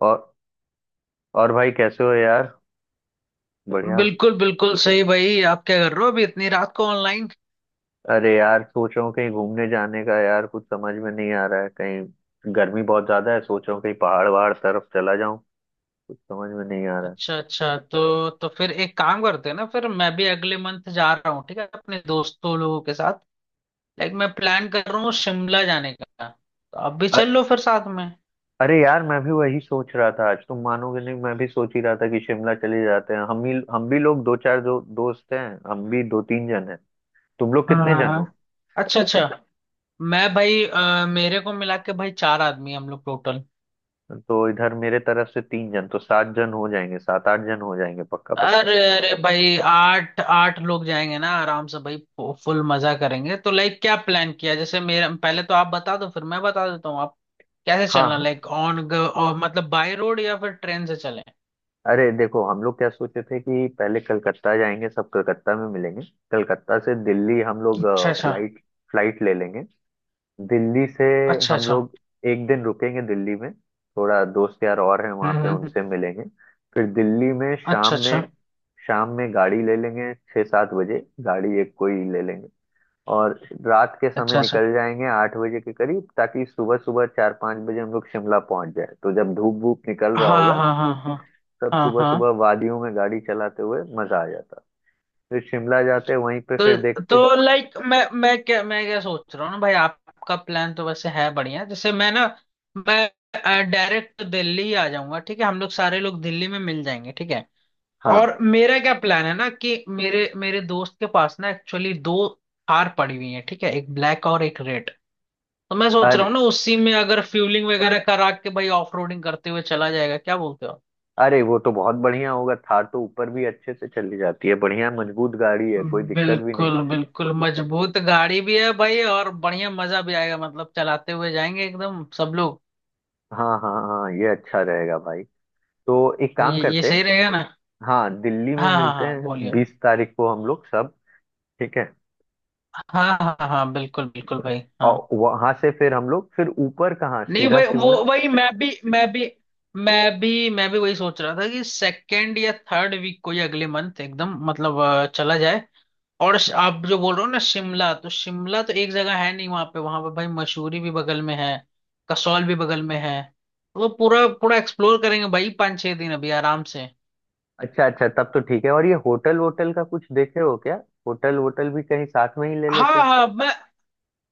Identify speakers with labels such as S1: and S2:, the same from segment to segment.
S1: और और भाई कैसे हो यार? बढ़िया।
S2: बिल्कुल बिल्कुल सही भाई। आप क्या कर रहे हो अभी इतनी रात को ऑनलाइन?
S1: अरे यार, सोच रहा हूँ कहीं घूमने जाने का यार, कुछ समझ में नहीं आ रहा है। कहीं गर्मी बहुत ज्यादा है, सोच रहा हूँ कहीं पहाड़ वहाड़ तरफ चला जाऊं। कुछ समझ में नहीं आ रहा है।
S2: अच्छा अच्छा, तो फिर एक काम करते हैं ना। फिर मैं भी अगले मंथ जा रहा हूँ, ठीक है, अपने दोस्तों लोगों के साथ। लाइक, मैं प्लान कर रहा हूँ शिमला जाने का, तो आप भी चल
S1: अ-
S2: लो फिर साथ में।
S1: अरे यार, मैं भी वही सोच रहा था। आज तुम मानोगे नहीं, मैं भी सोच ही रहा था कि शिमला चले जाते हैं। हम भी लोग दो चार जो दोस्त हैं, हम भी दो तीन जन हैं। तुम लोग
S2: हाँ
S1: कितने
S2: हाँ
S1: जन हो?
S2: हाँ। अच्छा अच्छा। मैं भाई मेरे को मिला के भाई चार आदमी हैं हम लोग टोटल।
S1: तो इधर मेरे तरफ से तीन जन, तो सात जन हो जाएंगे, सात आठ जन हो जाएंगे, पक्का पक्का।
S2: अरे अरे भाई आठ आठ लोग जाएंगे ना आराम से भाई। फुल मजा करेंगे। तो लाइक क्या प्लान किया, जैसे मेरा पहले तो आप बता दो फिर मैं बता देता हूँ, आप कैसे चलना,
S1: हाँ।
S2: लाइक ऑन और मतलब बाय रोड या फिर ट्रेन से चलें।
S1: अरे देखो, हम लोग क्या सोचे थे कि पहले कलकत्ता जाएंगे, सब कलकत्ता में मिलेंगे। कलकत्ता से दिल्ली हम लोग
S2: अच्छा अच्छा।
S1: फ्लाइट फ्लाइट ले लेंगे। दिल्ली से
S2: अच्छा
S1: हम
S2: अच्छा।
S1: लोग एक दिन रुकेंगे दिल्ली में, थोड़ा दोस्त यार और हैं वहाँ
S2: हम्म
S1: पे,
S2: हम्म, हम्म।
S1: उनसे मिलेंगे। फिर दिल्ली में
S2: अच्छा
S1: शाम
S2: अच्छा।
S1: में शाम में गाड़ी ले लेंगे, 6 7 बजे गाड़ी एक कोई ले लेंगे। और रात के समय
S2: अच्छा अच्छा।
S1: निकल जाएंगे 8 बजे के करीब, ताकि सुबह सुबह 4 5 बजे हम लोग शिमला पहुंच जाए, तो जब धूप धूप निकल रहा
S2: हाँ
S1: होगा।
S2: हाँ हाँ हाँ।
S1: सब
S2: हाँ
S1: सुबह सुबह
S2: हाँ।
S1: वादियों में गाड़ी चलाते हुए मजा आ जाता। फिर शिमला जाते वहीं पे फिर
S2: तो
S1: देखते।
S2: तो लाइक मैं क्या, मैं क्या सोच रहा हूँ ना भाई, आपका प्लान तो वैसे है बढ़िया। जैसे मैं ना, मैं डायरेक्ट दिल्ली ही आ जाऊंगा, ठीक है, हम लोग सारे लोग दिल्ली में मिल जाएंगे, ठीक है।
S1: हाँ।
S2: और मेरा क्या प्लान है ना कि मेरे मेरे दोस्त के पास ना एक्चुअली दो कार पड़ी हुई है, ठीक है, एक ब्लैक और एक रेड। तो मैं सोच रहा
S1: अरे
S2: हूँ ना उसी में अगर फ्यूलिंग वगैरह करा के भाई ऑफ रोडिंग करते हुए चला जाएगा, क्या बोलते हो?
S1: अरे, वो तो बहुत बढ़िया होगा। थार तो ऊपर भी अच्छे से चली जाती है, बढ़िया मजबूत गाड़ी है, कोई दिक्कत भी नहीं।
S2: बिल्कुल बिल्कुल मजबूत गाड़ी भी है भाई और बढ़िया मजा भी आएगा, मतलब चलाते हुए जाएंगे एकदम सब लोग।
S1: हाँ हाँ हाँ, ये अच्छा रहेगा भाई। तो एक काम
S2: ये
S1: करते हैं।
S2: सही रहेगा ना।
S1: हाँ, दिल्ली में
S2: हाँ हाँ
S1: मिलते
S2: हाँ
S1: हैं
S2: बोलिए।
S1: 20 तारीख को हम लोग सब। ठीक है।
S2: हाँ हाँ हाँ बिल्कुल बिल्कुल भाई
S1: और
S2: हाँ।
S1: वहां से फिर हम लोग फिर ऊपर कहाँ,
S2: नहीं
S1: सीधा
S2: भाई वो
S1: शिमला।
S2: वही, मैं भी वही सोच रहा था कि सेकेंड या थर्ड वीक को ही अगले मंथ एकदम मतलब चला जाए। और आप जो बोल रहे हो ना शिमला, तो शिमला तो एक जगह है नहीं, वहां पे वहां पे भाई मसूरी भी बगल में है, कसौल भी बगल में है। तो पूरा पूरा एक्सप्लोर करेंगे भाई पाँच छह दिन अभी आराम से।
S1: अच्छा अच्छा, तब तो ठीक है। और ये होटल वोटल का कुछ देखे हो क्या? होटल वोटल भी कहीं साथ में ही ले लेते
S2: हाँ
S1: हैं।
S2: हाँ, मैं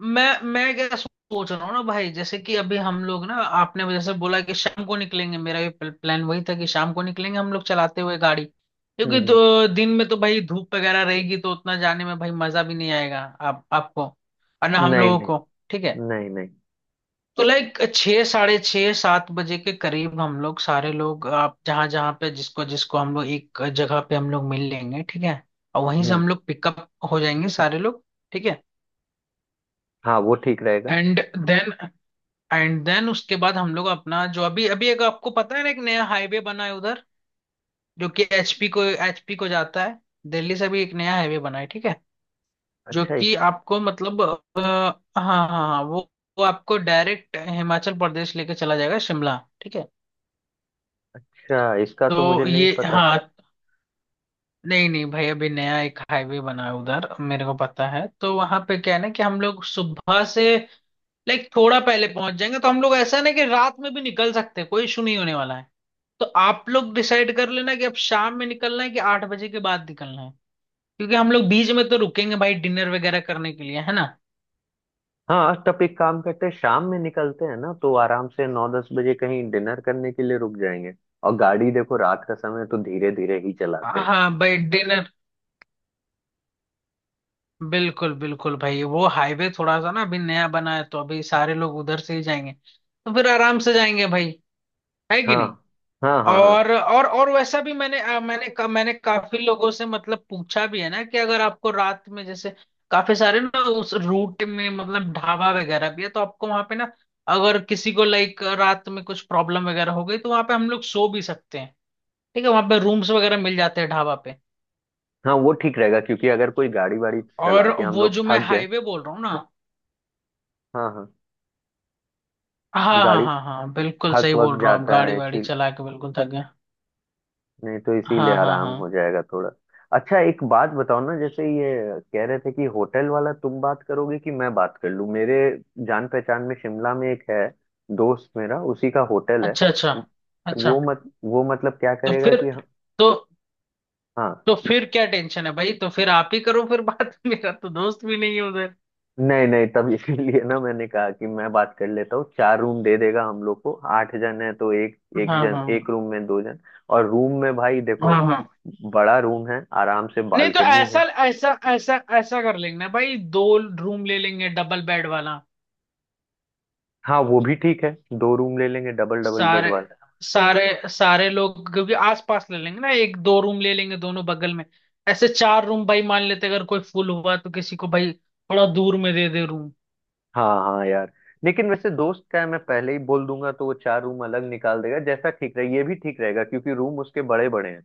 S2: मैं मैं क्या सोच रहा हूँ ना भाई, जैसे कि अभी हम लोग ना, आपने जैसे बोला कि शाम को निकलेंगे, मेरा भी प्लान वही था कि शाम को निकलेंगे हम लोग चलाते हुए गाड़ी, क्योंकि
S1: हम्म
S2: दो दिन में तो भाई धूप वगैरह रहेगी तो उतना जाने में भाई मजा भी नहीं आएगा, आप आपको और ना हम
S1: नहीं
S2: लोगों
S1: नहीं,
S2: को, ठीक है।
S1: नहीं नहीं।
S2: तो लाइक छः साढ़े छः सात बजे के करीब हम लोग सारे लोग, आप जहाँ जहाँ पे जिसको जिसको, हम लोग एक जगह पे हम लोग मिल लेंगे, ठीक है। और वहीं से
S1: हम्म
S2: हम लोग पिकअप हो जाएंगे सारे लोग। ठीक है।
S1: हाँ, वो ठीक रहेगा।
S2: एंड देन, उसके बाद हम लोग अपना जो अभी अभी, एक आपको पता है ना एक नया हाईवे बना है उधर, जो कि एचपी को जाता है। दिल्ली से भी एक नया हाईवे बना है, ठीक है। जो
S1: अच्छा।
S2: कि आपको मतलब हाँ हाँ हाँ वो आपको डायरेक्ट हिमाचल प्रदेश लेके चला जाएगा शिमला, ठीक है।
S1: इसका इसका तो मुझे
S2: तो
S1: नहीं
S2: ये,
S1: पता था।
S2: हाँ। नहीं नहीं भाई अभी नया एक हाईवे बना है उधर, मेरे को पता है। तो वहां पे क्या है ना कि हम लोग सुबह से लाइक थोड़ा पहले पहुंच जाएंगे। तो हम लोग ऐसा ना कि रात में भी निकल सकते हैं, कोई इशू नहीं होने वाला है। तो आप लोग डिसाइड कर लेना कि अब शाम में निकलना है कि आठ बजे के बाद निकलना है, क्योंकि हम लोग बीच में तो रुकेंगे भाई डिनर वगैरह करने के लिए, है ना।
S1: हाँ, तब एक काम करते हैं। शाम में निकलते हैं ना, तो आराम से 9 10 बजे कहीं डिनर करने के लिए रुक जाएंगे। और गाड़ी देखो रात का समय है, तो धीरे धीरे ही चलाते हैं।
S2: हाँ भाई डिनर। बिल्कुल बिल्कुल भाई, वो हाईवे थोड़ा सा ना अभी नया बना है तो अभी सारे लोग उधर से ही जाएंगे, तो फिर आराम से जाएंगे भाई, है कि नहीं।
S1: हाँ हाँ हाँ हाँ।
S2: और वैसा भी मैंने मैंने मैंने काफी लोगों से मतलब पूछा भी है ना, कि अगर आपको रात में जैसे काफी सारे ना उस रूट में मतलब ढाबा वगैरह भी है, तो आपको वहां पे ना, अगर किसी को लाइक रात में कुछ प्रॉब्लम वगैरह हो गई, तो वहां पे हम लोग सो भी सकते हैं, ठीक है, वहां पे रूम्स वगैरह मिल जाते हैं ढाबा पे।
S1: हाँ, वो ठीक रहेगा, क्योंकि अगर कोई गाड़ी वाड़ी चला
S2: और
S1: के हम
S2: वो
S1: लोग
S2: जो मैं
S1: थक गए।
S2: हाईवे बोल रहा हूँ ना।
S1: हाँ हाँ।
S2: हाँ हाँ
S1: गाड़ी
S2: हाँ हाँ बिल्कुल
S1: थक
S2: सही
S1: वक
S2: बोल रहा हूँ, आप
S1: जाता
S2: गाड़ी
S1: है
S2: वाड़ी
S1: इसी।
S2: चला के बिल्कुल थक गए।
S1: नहीं तो इसीलिए
S2: हाँ हाँ
S1: आराम
S2: हाँ।
S1: हो जाएगा थोड़ा। अच्छा एक बात बताओ ना, जैसे ये कह रहे थे कि होटल वाला तुम बात करोगे कि मैं बात कर लूं। मेरे जान पहचान में शिमला में एक है, दोस्त मेरा, उसी का होटल है।
S2: अच्छा अच्छा
S1: वो
S2: अच्छा।
S1: मत वो मतलब क्या
S2: तो
S1: करेगा
S2: फिर
S1: कि।
S2: तो
S1: हाँ।
S2: तो फिर क्या टेंशन है भाई, तो फिर आप ही करो फिर बात मेरा तो दोस्त भी नहीं है उधर।
S1: नहीं नहीं, तब इसीलिए ना मैंने कहा कि मैं बात कर लेता हूँ। चार रूम दे देगा हम लोग को, आठ जन है तो एक एक
S2: हाँ
S1: जन,
S2: हाँ
S1: एक रूम में दो जन। और रूम में भाई
S2: हाँ
S1: देखो,
S2: हाँ।
S1: बड़ा रूम है आराम से,
S2: नहीं, तो
S1: बालकनी
S2: ऐसा
S1: है।
S2: ऐसा ऐसा ऐसा कर लेंगे ना भाई, दो रूम ले लेंगे डबल बेड वाला।
S1: हाँ, वो भी ठीक है। दो रूम ले लेंगे डबल डबल बेड
S2: सारे
S1: वाला।
S2: सारे सारे लोग क्योंकि आसपास ले लेंगे ना, एक दो रूम ले लेंगे दोनों बगल में, ऐसे चार रूम भाई। मान लेते अगर कोई फुल हुआ तो किसी को भाई थोड़ा दूर में दे दे रूम।
S1: हाँ हाँ यार, लेकिन वैसे दोस्त का है, मैं पहले ही बोल दूंगा तो वो चार रूम अलग निकाल देगा। जैसा ठीक रहे, ये भी ठीक रहेगा क्योंकि रूम उसके बड़े बड़े हैं।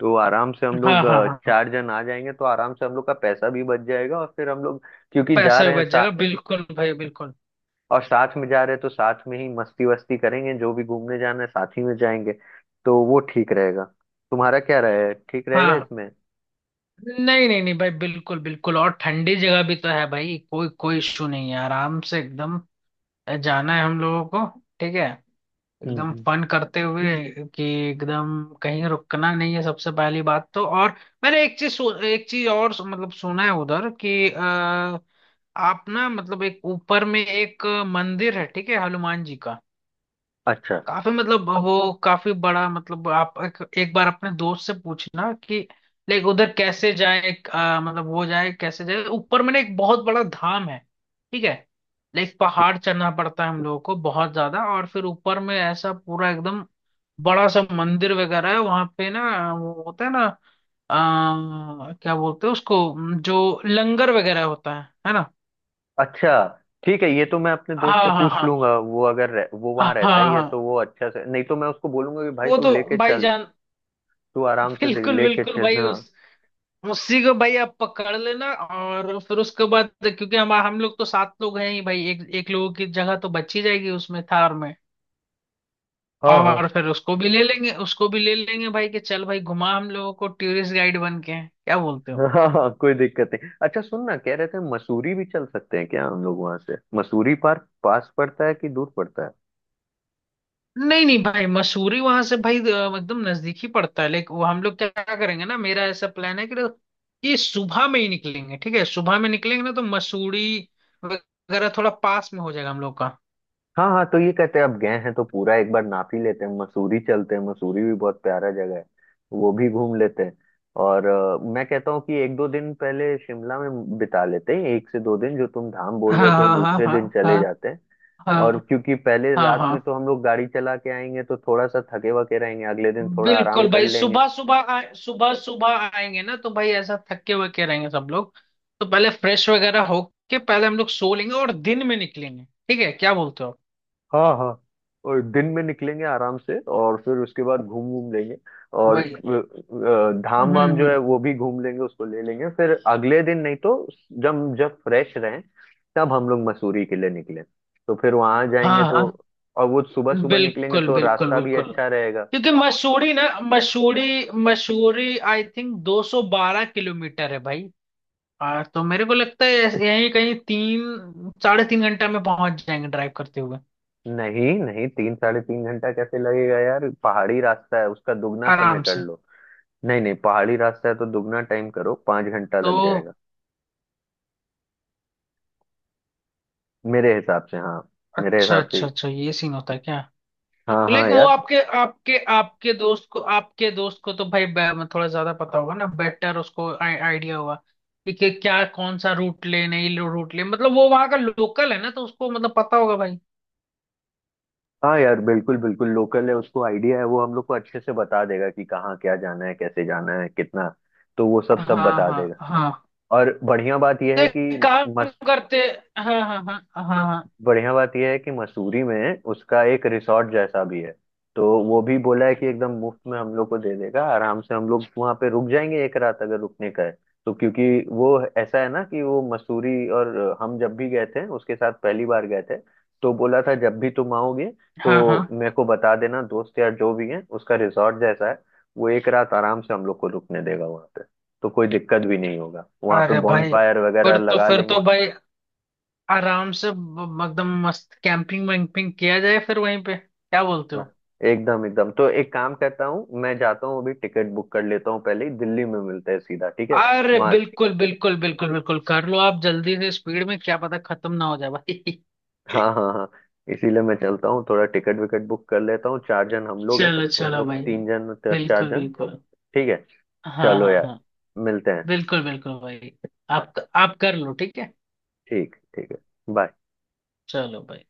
S1: तो आराम से हम
S2: हाँ
S1: लोग
S2: हाँ हाँ।
S1: चार जन आ जाएंगे तो आराम से हम लोग का पैसा भी बच जाएगा, और फिर हम लोग, क्योंकि जा
S2: पैसा
S1: रहे
S2: भी
S1: हैं
S2: बच जाएगा
S1: साथ।
S2: बिल्कुल भाई बिल्कुल।
S1: और साथ में जा रहे हैं तो साथ में ही मस्ती वस्ती करेंगे। जो भी घूमने जाना है साथ ही में जाएंगे। तो वो ठीक रहेगा। तुम्हारा क्या रहे, ठीक रहेगा
S2: हाँ।
S1: इसमें?
S2: नहीं नहीं नहीं भाई बिल्कुल बिल्कुल, और ठंडी जगह भी तो है भाई, कोई कोई इशू नहीं है, आराम से एकदम जाना है हम लोगों को, ठीक है,
S1: हम्म
S2: एकदम
S1: हम्म।
S2: फन करते हुए कि एकदम कहीं रुकना नहीं है सबसे पहली बात। तो और मैंने एक चीज और मतलब सुना है उधर कि आप ना मतलब एक ऊपर में एक मंदिर है, ठीक है, हनुमान जी का।
S1: अच्छा
S2: काफी मतलब वो काफी बड़ा, मतलब आप एक बार अपने दोस्त से पूछना कि लाइक उधर कैसे जाए, मतलब वो जाए कैसे जाए, ऊपर में ना एक बहुत बड़ा धाम है, ठीक है, लाइक पहाड़ चढ़ना पड़ता है हम लोगों को बहुत ज्यादा, और फिर ऊपर में ऐसा पूरा एकदम बड़ा सा मंदिर वगैरह है वहां पे ना, वो होता है ना, क्या बोलते हैं उसको, जो लंगर वगैरह होता है ना।
S1: अच्छा, ठीक है। ये तो मैं अपने दोस्त
S2: हाँ
S1: से
S2: हाँ
S1: पूछ
S2: हाँ
S1: लूंगा। वो अगर रह, वो वहां
S2: हाँ हाँ
S1: रहता ही है,
S2: हाँ।
S1: तो वो अच्छा से, नहीं तो मैं उसको बोलूंगा कि भाई
S2: वो
S1: तू
S2: तो
S1: लेके
S2: भाई
S1: चल।
S2: जान,
S1: तू आराम से देख,
S2: बिल्कुल
S1: लेके
S2: बिल्कुल
S1: चल,
S2: भाई
S1: हाँ।
S2: उसी को भाई आप पकड़ लेना। और फिर उसके बाद क्योंकि हम लोग तो सात लोग हैं ही भाई, एक एक लोगों की जगह तो बची जाएगी उसमें थार में,
S1: हाँ
S2: और फिर उसको भी ले लेंगे, उसको भी ले लेंगे भाई कि चल भाई घुमा हम लोगों को टूरिस्ट गाइड बन के, क्या बोलते
S1: हाँ
S2: हो?
S1: हाँ हाँ कोई दिक्कत नहीं। अच्छा सुन ना, कह रहे थे मसूरी भी चल सकते हैं क्या हम लोग? वहां से मसूरी पार्क पास पड़ता है कि दूर पड़ता है?
S2: नहीं नहीं भाई मसूरी वहां से भाई एकदम नजदीक ही पड़ता है, लेकिन वो हम लोग क्या करेंगे ना, मेरा ऐसा प्लान है कि ये सुबह में ही निकलेंगे, ठीक है, सुबह में निकलेंगे ना तो मसूरी वगैरह थोड़ा पास में हो जाएगा हम लोग का।
S1: हाँ हाँ, तो ये कहते हैं अब गए हैं तो पूरा एक बार नाप ही लेते हैं। मसूरी चलते हैं, मसूरी भी बहुत प्यारा जगह है, वो भी घूम लेते हैं। और मैं कहता हूँ कि एक दो दिन पहले शिमला में बिता लेते हैं। एक से दो दिन जो तुम धाम बोल रहे थे, वो
S2: हाँ हाँ
S1: दूसरे दिन
S2: हाँ हाँ
S1: चले जाते हैं।
S2: हाँ
S1: और
S2: हाँ
S1: क्योंकि पहले
S2: हाँ
S1: रात
S2: हाँ
S1: में तो हम लोग गाड़ी चला के आएंगे, तो थोड़ा सा थके वके रहेंगे, अगले दिन थोड़ा आराम
S2: बिल्कुल भाई,
S1: कर लेंगे।
S2: सुबह सुबह आए, सुबह सुबह आएंगे ना तो भाई ऐसा थके हुए के रहेंगे सब लोग, तो पहले फ्रेश वगैरह होके पहले हम लोग सो लेंगे और दिन में निकलेंगे। ठीक है, क्या बोलते हो आप?
S1: हाँ हाँ। और दिन में निकलेंगे आराम से, और फिर उसके बाद घूम घूम लेंगे। और
S2: वही,
S1: धाम वाम जो है
S2: हम्म।
S1: वो भी घूम लेंगे, उसको ले लेंगे फिर अगले दिन। नहीं तो जब जब फ्रेश रहें, तब हम लोग मसूरी के लिए निकले, तो फिर वहां
S2: हाँ
S1: जाएंगे तो।
S2: हाँ
S1: और वो सुबह सुबह निकलेंगे
S2: बिल्कुल
S1: तो
S2: बिल्कुल
S1: रास्ता भी
S2: बिल्कुल,
S1: अच्छा रहेगा।
S2: क्योंकि मसूरी ना, Mussoorie Mussoorie I think 212 kilometre है भाई। तो मेरे को लगता है ऐसे- यहीं कहीं तीन साढ़े तीन घंटा में पहुंच जाएंगे ड्राइव करते हुए
S1: नहीं नहीं, 3 साढ़े 3 घंटा कैसे लगेगा यार? पहाड़ी रास्ता है, उसका दुगना समय
S2: आराम
S1: कर
S2: से।
S1: लो। नहीं नहीं, पहाड़ी रास्ता है तो दुगना टाइम करो, 5 घंटा
S2: तो
S1: लग जाएगा। मेरे हिसाब से, हाँ। मेरे
S2: अच्छा
S1: हिसाब
S2: अच्छा
S1: से।
S2: अच्छा, ये सीन होता है क्या?
S1: हाँ
S2: लाइक
S1: हाँ
S2: वो
S1: यार।
S2: आपके आपके आपके दोस्त को, आपके दोस्त को तो भाई थोड़ा ज्यादा पता होगा ना बेटर, उसको आइडिया होगा कि क्या कौन सा रूट ले, नहीं रूट ले मतलब वो वहां का लोकल है ना तो उसको मतलब पता होगा भाई।
S1: हाँ यार, बिल्कुल बिल्कुल लोकल है, उसको आइडिया है। वो हम लोग को अच्छे से बता देगा कि कहाँ क्या जाना है, कैसे जाना है, कितना। तो वो सब सब
S2: हाँ
S1: बता
S2: हाँ
S1: देगा।
S2: हाँ।
S1: और
S2: तो एक काम करते। हाँ हाँ हाँ हाँ
S1: बढ़िया बात यह है कि मसूरी में उसका एक रिसॉर्ट जैसा भी है। तो वो भी बोला है कि एकदम मुफ्त में हम लोग को दे देगा। आराम से हम लोग वहाँ पे रुक जाएंगे एक रात, अगर रुकने का है तो, क्योंकि वो ऐसा है ना कि वो मसूरी, और हम जब भी गए थे उसके साथ पहली बार गए थे, तो बोला था जब भी तुम आओगे
S2: हाँ हाँ
S1: तो
S2: हाँ।
S1: मेरे को बता देना दोस्त, यार जो भी है उसका रिसॉर्ट जैसा है, वो एक रात आराम से हम लोग को रुकने देगा वहाँ पे। तो कोई दिक्कत भी नहीं होगा, वहाँ पे
S2: अरे
S1: बॉन
S2: भाई
S1: फायर वगैरह
S2: फिर तो
S1: लगा
S2: फिर
S1: लेंगे।
S2: तो भाई आराम से एकदम मस्त कैंपिंग वैम्पिंग किया जाए फिर वहीं पे, क्या बोलते हो?
S1: हाँ, एकदम एकदम। तो एक काम करता हूँ, मैं जाता हूँ, अभी टिकट बुक कर लेता हूँ। पहले ही दिल्ली में मिलते हैं सीधा, ठीक है?
S2: अरे
S1: वहां से,
S2: बिल्कुल बिल्कुल बिल्कुल बिल्कुल कर लो, आप जल्दी से स्पीड में, क्या पता खत्म ना हो जाए भाई
S1: हाँ हाँ हाँ, इसीलिए मैं चलता हूँ, थोड़ा टिकट विकट बुक कर लेता हूँ। चार जन हम लोग हैं,
S2: चलो
S1: तुम
S2: चलो
S1: लोग
S2: भाई,
S1: तीन जन, चार
S2: बिल्कुल
S1: जन।
S2: बिल्कुल,
S1: ठीक है।
S2: हाँ
S1: चलो
S2: हाँ
S1: यार,
S2: हाँ
S1: मिलते हैं।
S2: बिल्कुल बिल्कुल भाई। आप कर लो ठीक है।
S1: ठीक ठीक है। बाय।
S2: चलो भाई।